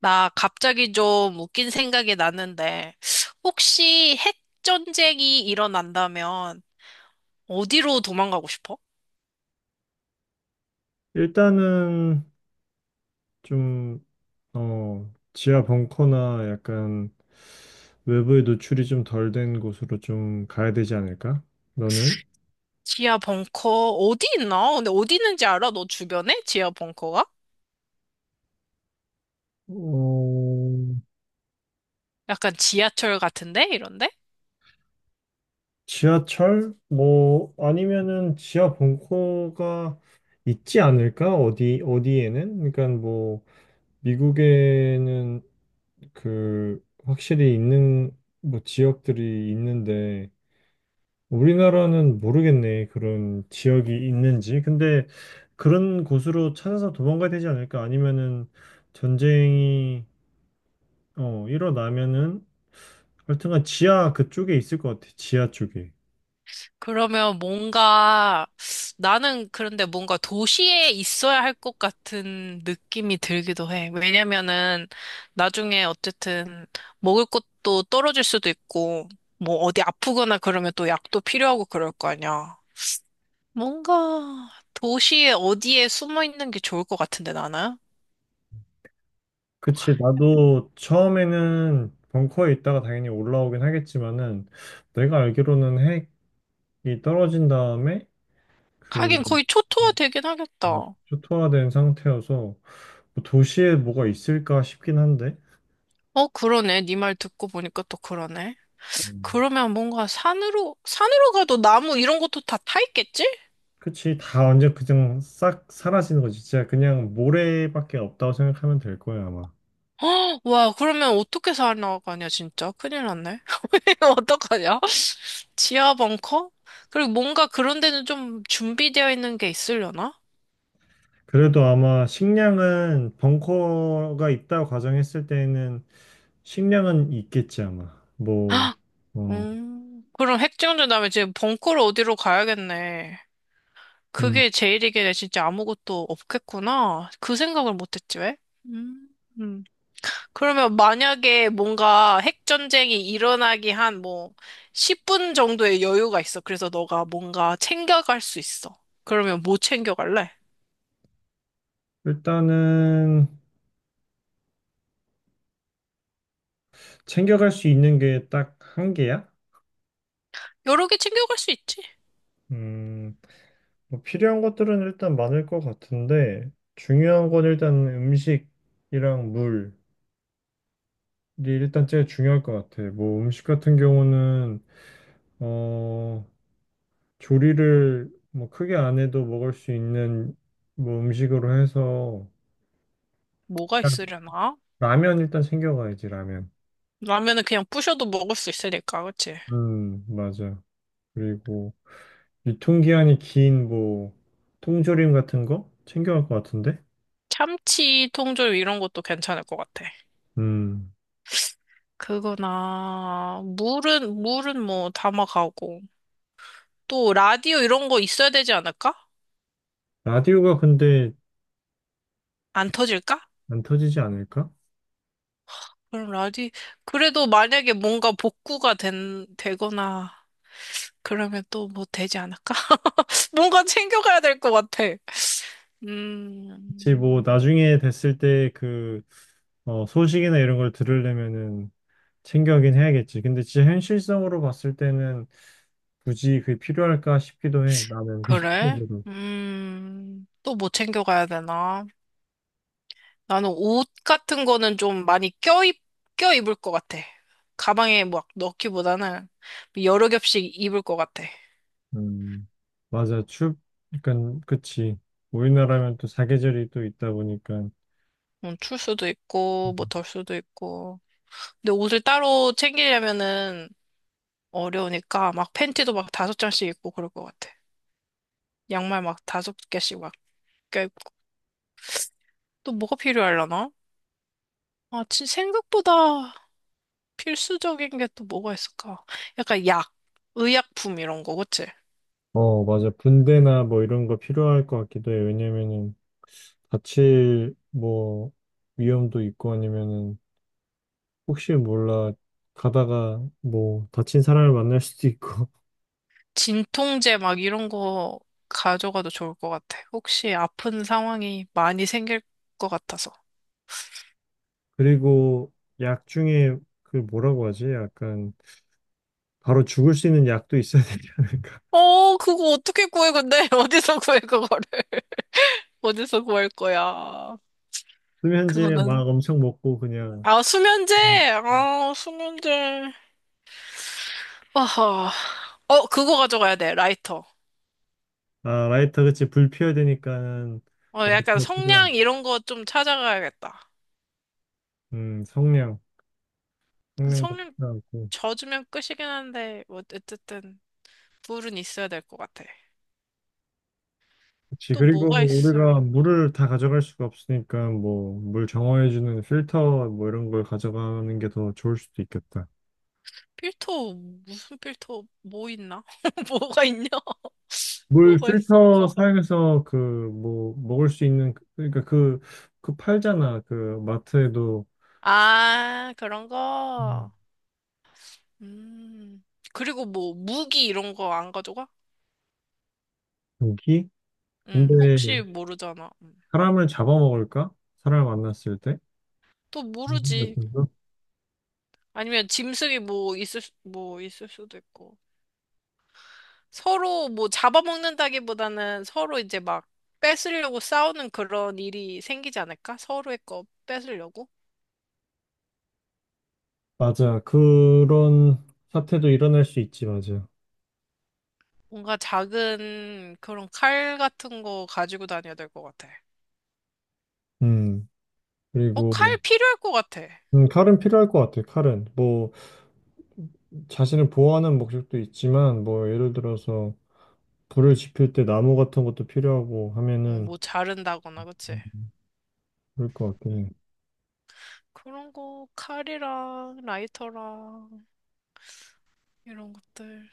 나 갑자기 좀 웃긴 생각이 났는데, 혹시 핵 전쟁이 일어난다면 어디로 도망가고 싶어? 일단은 좀, 지하 벙커나 약간 외부에 노출이 좀 덜 된 곳으로 좀 가야 되지 않을까? 너는? 지하 벙커 어디 있나? 근데 어디 있는지 알아? 너 주변에? 지하 벙커가? 어, 약간 지하철 같은데? 이런데? 지하철? 뭐, 아니면은 지하 벙커가 있지 않을까? 어디, 어디에는? 그러니까 뭐, 미국에는 그, 확실히 있는, 뭐, 지역들이 있는데, 우리나라는 모르겠네. 그런 지역이 있는지. 근데 그런 곳으로 찾아서 도망가야 되지 않을까? 아니면은 전쟁이 일어나면은 하여튼간 지하 그쪽에 있을 것 같아. 지하 쪽에. 그러면 뭔가, 나는 그런데 뭔가 도시에 있어야 할 것 같은 느낌이 들기도 해. 왜냐면은 나중에 어쨌든 먹을 것도 떨어질 수도 있고, 뭐 어디 아프거나 그러면 또 약도 필요하고 그럴 거 아니야. 뭔가 도시에 어디에 숨어 있는 게 좋을 것 같은데 나는? 그치. 나도 처음에는 벙커에 있다가 당연히 올라오긴 하겠지만은 내가 알기로는 핵이 떨어진 다음에 그 하긴 거의 어, 초토화 되긴 어, 하겠다. 초토화된 상태여서 뭐 도시에 뭐가 있을까 싶긴 한데. 어, 그러네. 네 말 듣고 보니까 또 그러네. 음. 그러면 뭔가 산으로, 산으로 가도 나무 이런 것도 다 타 있겠지? 그치, 다 완전 그냥 싹 사라지는 거지. 진짜 그냥 모래밖에 없다고 생각하면 될 거야, 아마. 헉, 와, 그러면 어떻게 살아나가냐, 진짜. 큰일 났네. 어떡하냐? 지하 벙커? 그리고 뭔가 그런 데는 좀 준비되어 있는 게 있으려나? 그래도 아마 식량은 벙커가 있다고 가정했을 때는 식량은 있겠지, 아마. 뭐, 아, 어, 그럼 핵정전 다음에 지금 벙커를 어디로 가야겠네. 음. 그게 제일이겠네. 진짜 아무것도 없겠구나. 그 생각을 못했지, 왜? 음, 음. 그러면 만약에 뭔가 핵전쟁이 일어나기 한 뭐 10분 정도의 여유가 있어. 그래서 너가 뭔가 챙겨갈 수 있어. 그러면 뭐 챙겨갈래? 일단은 챙겨갈 수 있는 게 딱 한 개야? 여러 개 챙겨갈 수 있지. 음, 뭐 필요한 것들은 일단 많을 것 같은데, 중요한 건 일단 음식이랑 물이 일단 제일 중요할 것 같아. 뭐 음식 같은 경우는 어, 조리를 뭐 크게 안 해도 먹을 수 있는 뭐 음식으로 해서 뭐가 일단 있으려나? 라면 일단 챙겨가야지 라면. 라면은 그냥 부셔도 먹을 수 있으니까, 그치? 맞아. 그리고 유통기한이 긴 뭐 통조림 같은 거 챙겨갈 것 같은데. 참치, 통조림 이런 것도 괜찮을 것 같아. 음, 그거나, 물은, 물은 뭐 담아가고. 또 라디오 이런 거 있어야 되지 않을까? 라디오가 근데 안 터질까? 안 터지지 않을까? 그럼 라디, 그래도 만약에 뭔가 복구가 된, 되거나, 그러면 또 뭐 되지 않을까? 뭔가 챙겨가야 될 것 같아. 혹시 음, 뭐 나중에 됐을 때 그 소식이나 이런 걸 들으려면은 챙겨가긴 해야겠지. 근데 진짜 현실성으로 봤을 때는 굳이 그게 필요할까 싶기도 해. 나는 그래? 개인적으로. 또 뭐 챙겨가야 되나? 나는 옷 같은 거는 좀 많이 껴입을 것 같아. 가방에 막 넣기보다는 여러 겹씩 입을 것 같아. 음, 맞아. 그러니까 그치. 우리나라면 또 사계절이 또 있다 보니까 출 수도 있고, 뭐 덜 수도 있고. 근데 옷을 따로 챙기려면은 어려우니까 막 팬티도 막 다섯 장씩 입고 그럴 것 같아. 양말 막 다섯 개씩 막 껴입고. 또 뭐가 필요하려나? 아, 진 생각보다 필수적인 게 또 뭐가 있을까? 약간 약, 의약품 이런 거, 그치? 어 맞아. 분대나 뭐 이런 거 필요할 것 같기도 해. 왜냐면은 다칠 뭐 위험도 있고 아니면은 혹시 몰라 가다가 뭐 다친 사람을 만날 수도 있고 진통제 막 이런 거 가져가도 좋을 것 같아. 혹시 아픈 상황이 많이 생길 것 같아서. 그리고 약 중에 그 뭐라고 하지? 약간 바로 죽을 수 있는 약도 있어야 되지 않을까? 어, 그거 어떻게 구해, 근데? 어디서 구해, 그거를? 어디서 구할 거야? 수면제 막 그거는. 엄청 먹고 그냥 아, 수면제! 음. 아, 수면제. 어허. 어, 그거 가져가야 돼, 라이터. 아 라이터 그치 불 피워야 되니까는 어, 약간 라이터가 필요한 성냥 이런 거 좀 찾아가야겠다. 음 성냥 그 성냥도 성냥 필요하고 젖으면 끝이긴 한데, 뭐, 어쨌든, 불은 있어야 될 것 같아. 그치 또 그리고 뭐가 뭐 우리가 있으려나? 물을 다 가져갈 수가 없으니까 뭐 물 정화해주는 필터 뭐 이런 걸 가져가는 게 더 좋을 수도 있겠다. 필터, 무슨 필터, 뭐 있나? 뭐가 있냐? 물 뭐가 필터 있을까? 사용해서 그 뭐 먹을 수 있는 그러니까 그 팔잖아 그 마트에도 아, 그런 음. 거. 음. 그리고 뭐, 무기 이런 거 안 가져가? 고기? 혹시 근데 모르잖아. 음. 사람을 잡아먹을까? 사람을 만났을 때? 또 무슨 모르지. 생각인가? 아니면 짐승이 뭐 뭐 있을 수도 있고 서로 뭐 잡아먹는다기보다는 서로 이제 막 뺏으려고 싸우는 그런 일이 생기지 않을까? 서로의 거 뺏으려고? 맞아. 그런 사태도 일어날 수 있지, 맞아. 뭔가 작은 그런 칼 같은 거 가지고 다녀야 될 것 같아. 음. 어, 그리고, 칼 필요할 것 같아. 칼은 필요할 것 같아, 칼은. 뭐, 자신을 보호하는 목적도 있지만, 뭐, 예를 들어서, 불을 지필 때 나무 같은 것도 필요하고 어, 하면은, 뭐 자른다거나, 그치? 그럴 것 같긴 응. 해. 그런 거 칼이랑 라이터랑 이런 것들.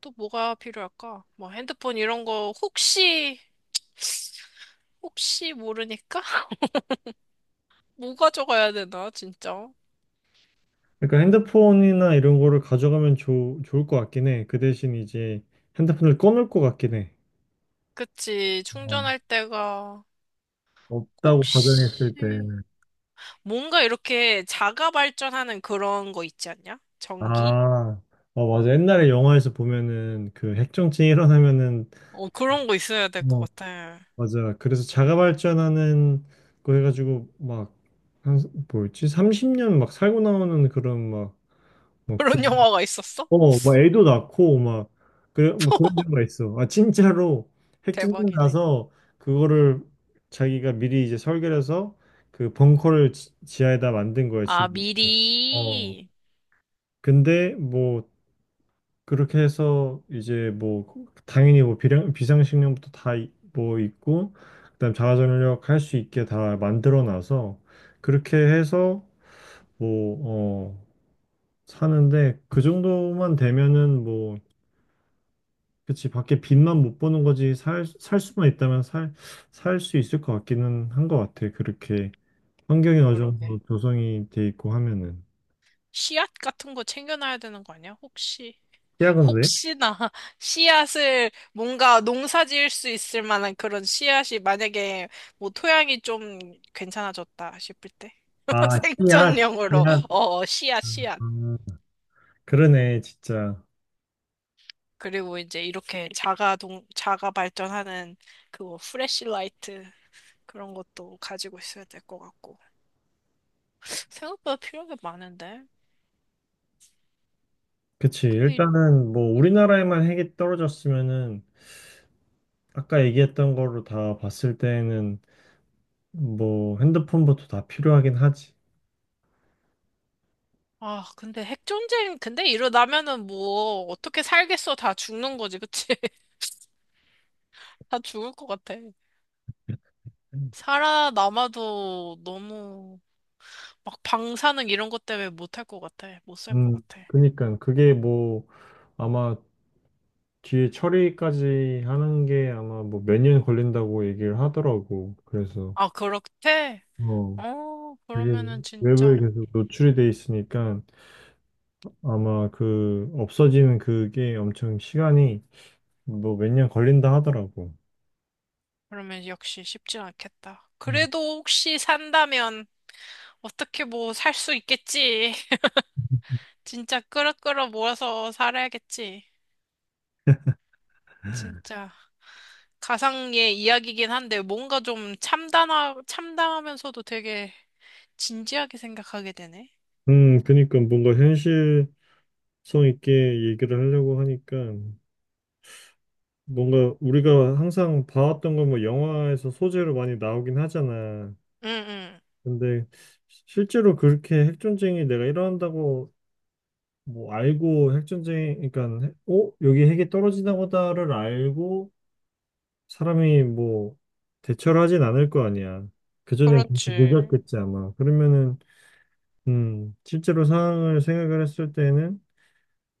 또 뭐가 필요할까? 뭐 핸드폰 이런 거 혹시 모르니까 뭐 가져가야 되나, 진짜? 그러니까 핸드폰이나 이런 거를 가져가면 좋 좋을 것 같긴 해. 그 대신 이제 핸드폰을 꺼놓을 것 같긴 해. 그치, 어, 충전할 때가, 없다고 가정했을 혹시, 때. 뭔가 이렇게 자가 발전하는 그런 거 있지 않냐? 전기? 아, 맞아. 옛날에 영화에서 보면은 그 핵정쟁이 일어나면은, 어, 그런 거 있어야 될 것 어, 같아. 맞아. 그래서 자가발전하는 거 해가지고 막, 한, 뭐였지? 30년 막 살고 나오는 그런 막, 막 부, 그런 영화가 있었어? 막 애도 낳고 막, 그래, 뭐 그런 경우가 있어. 아, 진짜로 핵전쟁 대박이네. 나서 그거를 자기가 미리 이제 설계를 해서 그 벙커를 하에다 만든 거야, 아, 집. 어. 미리. 근데 뭐 그렇게 해서 이제 뭐 당연히 뭐 비상식량부터 다 뭐 있고 그다음 자가전력 할 수 있게 다 만들어 놔서 그렇게 해서 뭐 어 사는데 그 정도만 되면은 뭐 그치 밖에 빚만 못 버는 거지 살 수만 있다면 살 수 있을 것 같기는 한 것 같아 그렇게 환경이 어느 정도 그러게. 조성이 돼 있고 하면은 씨앗 같은 거 챙겨놔야 되는 거 아니야? 혹시. 씨앗은 왜? 혹시나 씨앗을 뭔가 농사 지을 수 있을 만한 그런 씨앗이 만약에 뭐 토양이 좀 괜찮아졌다 싶을 때 아 씨앗 생존용으로 씨앗 씨앗 씨앗 음, 그러네 진짜 그리고 이제 이렇게 자가 발전하는 그거 프레시라이트 그런 것도 가지고 있어야 될 것 같고 생각보다 필요한 게 많은데 그치. 근데 이- 일단은 뭐 우리나라에만 핵이 떨어졌으면은 아까 얘기했던 거로 다 봤을 때에는 뭐 핸드폰부터 다 필요하긴 하지. 아 근데 핵 전쟁 근데 일어나면은 뭐 어떻게 살겠어, 다 죽는 거지, 그치? 다 죽을 것 같아. 살아남아도 너무 막 방사능 이런 것 때문에 못할 것 같아. 못 살 것 음, 같아. 그니까 그게 뭐 아마 뒤에 처리까지 하는 게 아마 뭐 몇 년 걸린다고 얘기를 하더라고. 그래서 아, 그렇대? 어, 어, 그러면은 그게 외부에 진짜. 계속 노출이 돼 있으니까 아마 그 없어지는 그게 엄청 시간이 뭐 몇 년 걸린다 하더라고. 그러면 역시 쉽진 않겠다. 음, 그래도 혹시 산다면 어떻게 뭐 살 수 있겠지. 진짜 끌어끌어 모아서 살아야겠지. 진짜 가상의 이야기긴 한데 뭔가 좀 참담하면서도 되게 진지하게 생각하게 되네. 그니까 뭔가 성 있게 얘기를 하려고 하니까 뭔가 우리가 항상 봐왔던 건 뭐 영화에서 소재로 많이 나오긴 하잖아. 응, 응. 근데 실제로 그렇게 핵전쟁이 내가 일어난다고 뭐 알고 핵전쟁, 그러니까 어? 여기 핵이 떨어지나 보다를 알고 사람이 뭐 대처를 하진 않을 거 아니야. 그전엔 벌써 그렇지. 늦었겠지 아마. 그러면은 실제로 상황을 생각을 했을 때는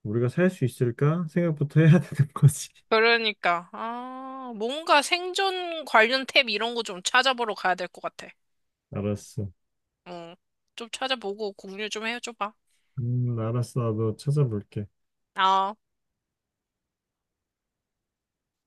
우리가 살 수 있을까 생각부터 해야 되는 거지. 그러니까, 아, 뭔가 생존 관련 탭 이런 거 좀 찾아보러 가야 될 것 같아. 알았어. 어, 좀 찾아보고 공유 좀 해줘봐. 알았어. 나도 찾아볼게. 아.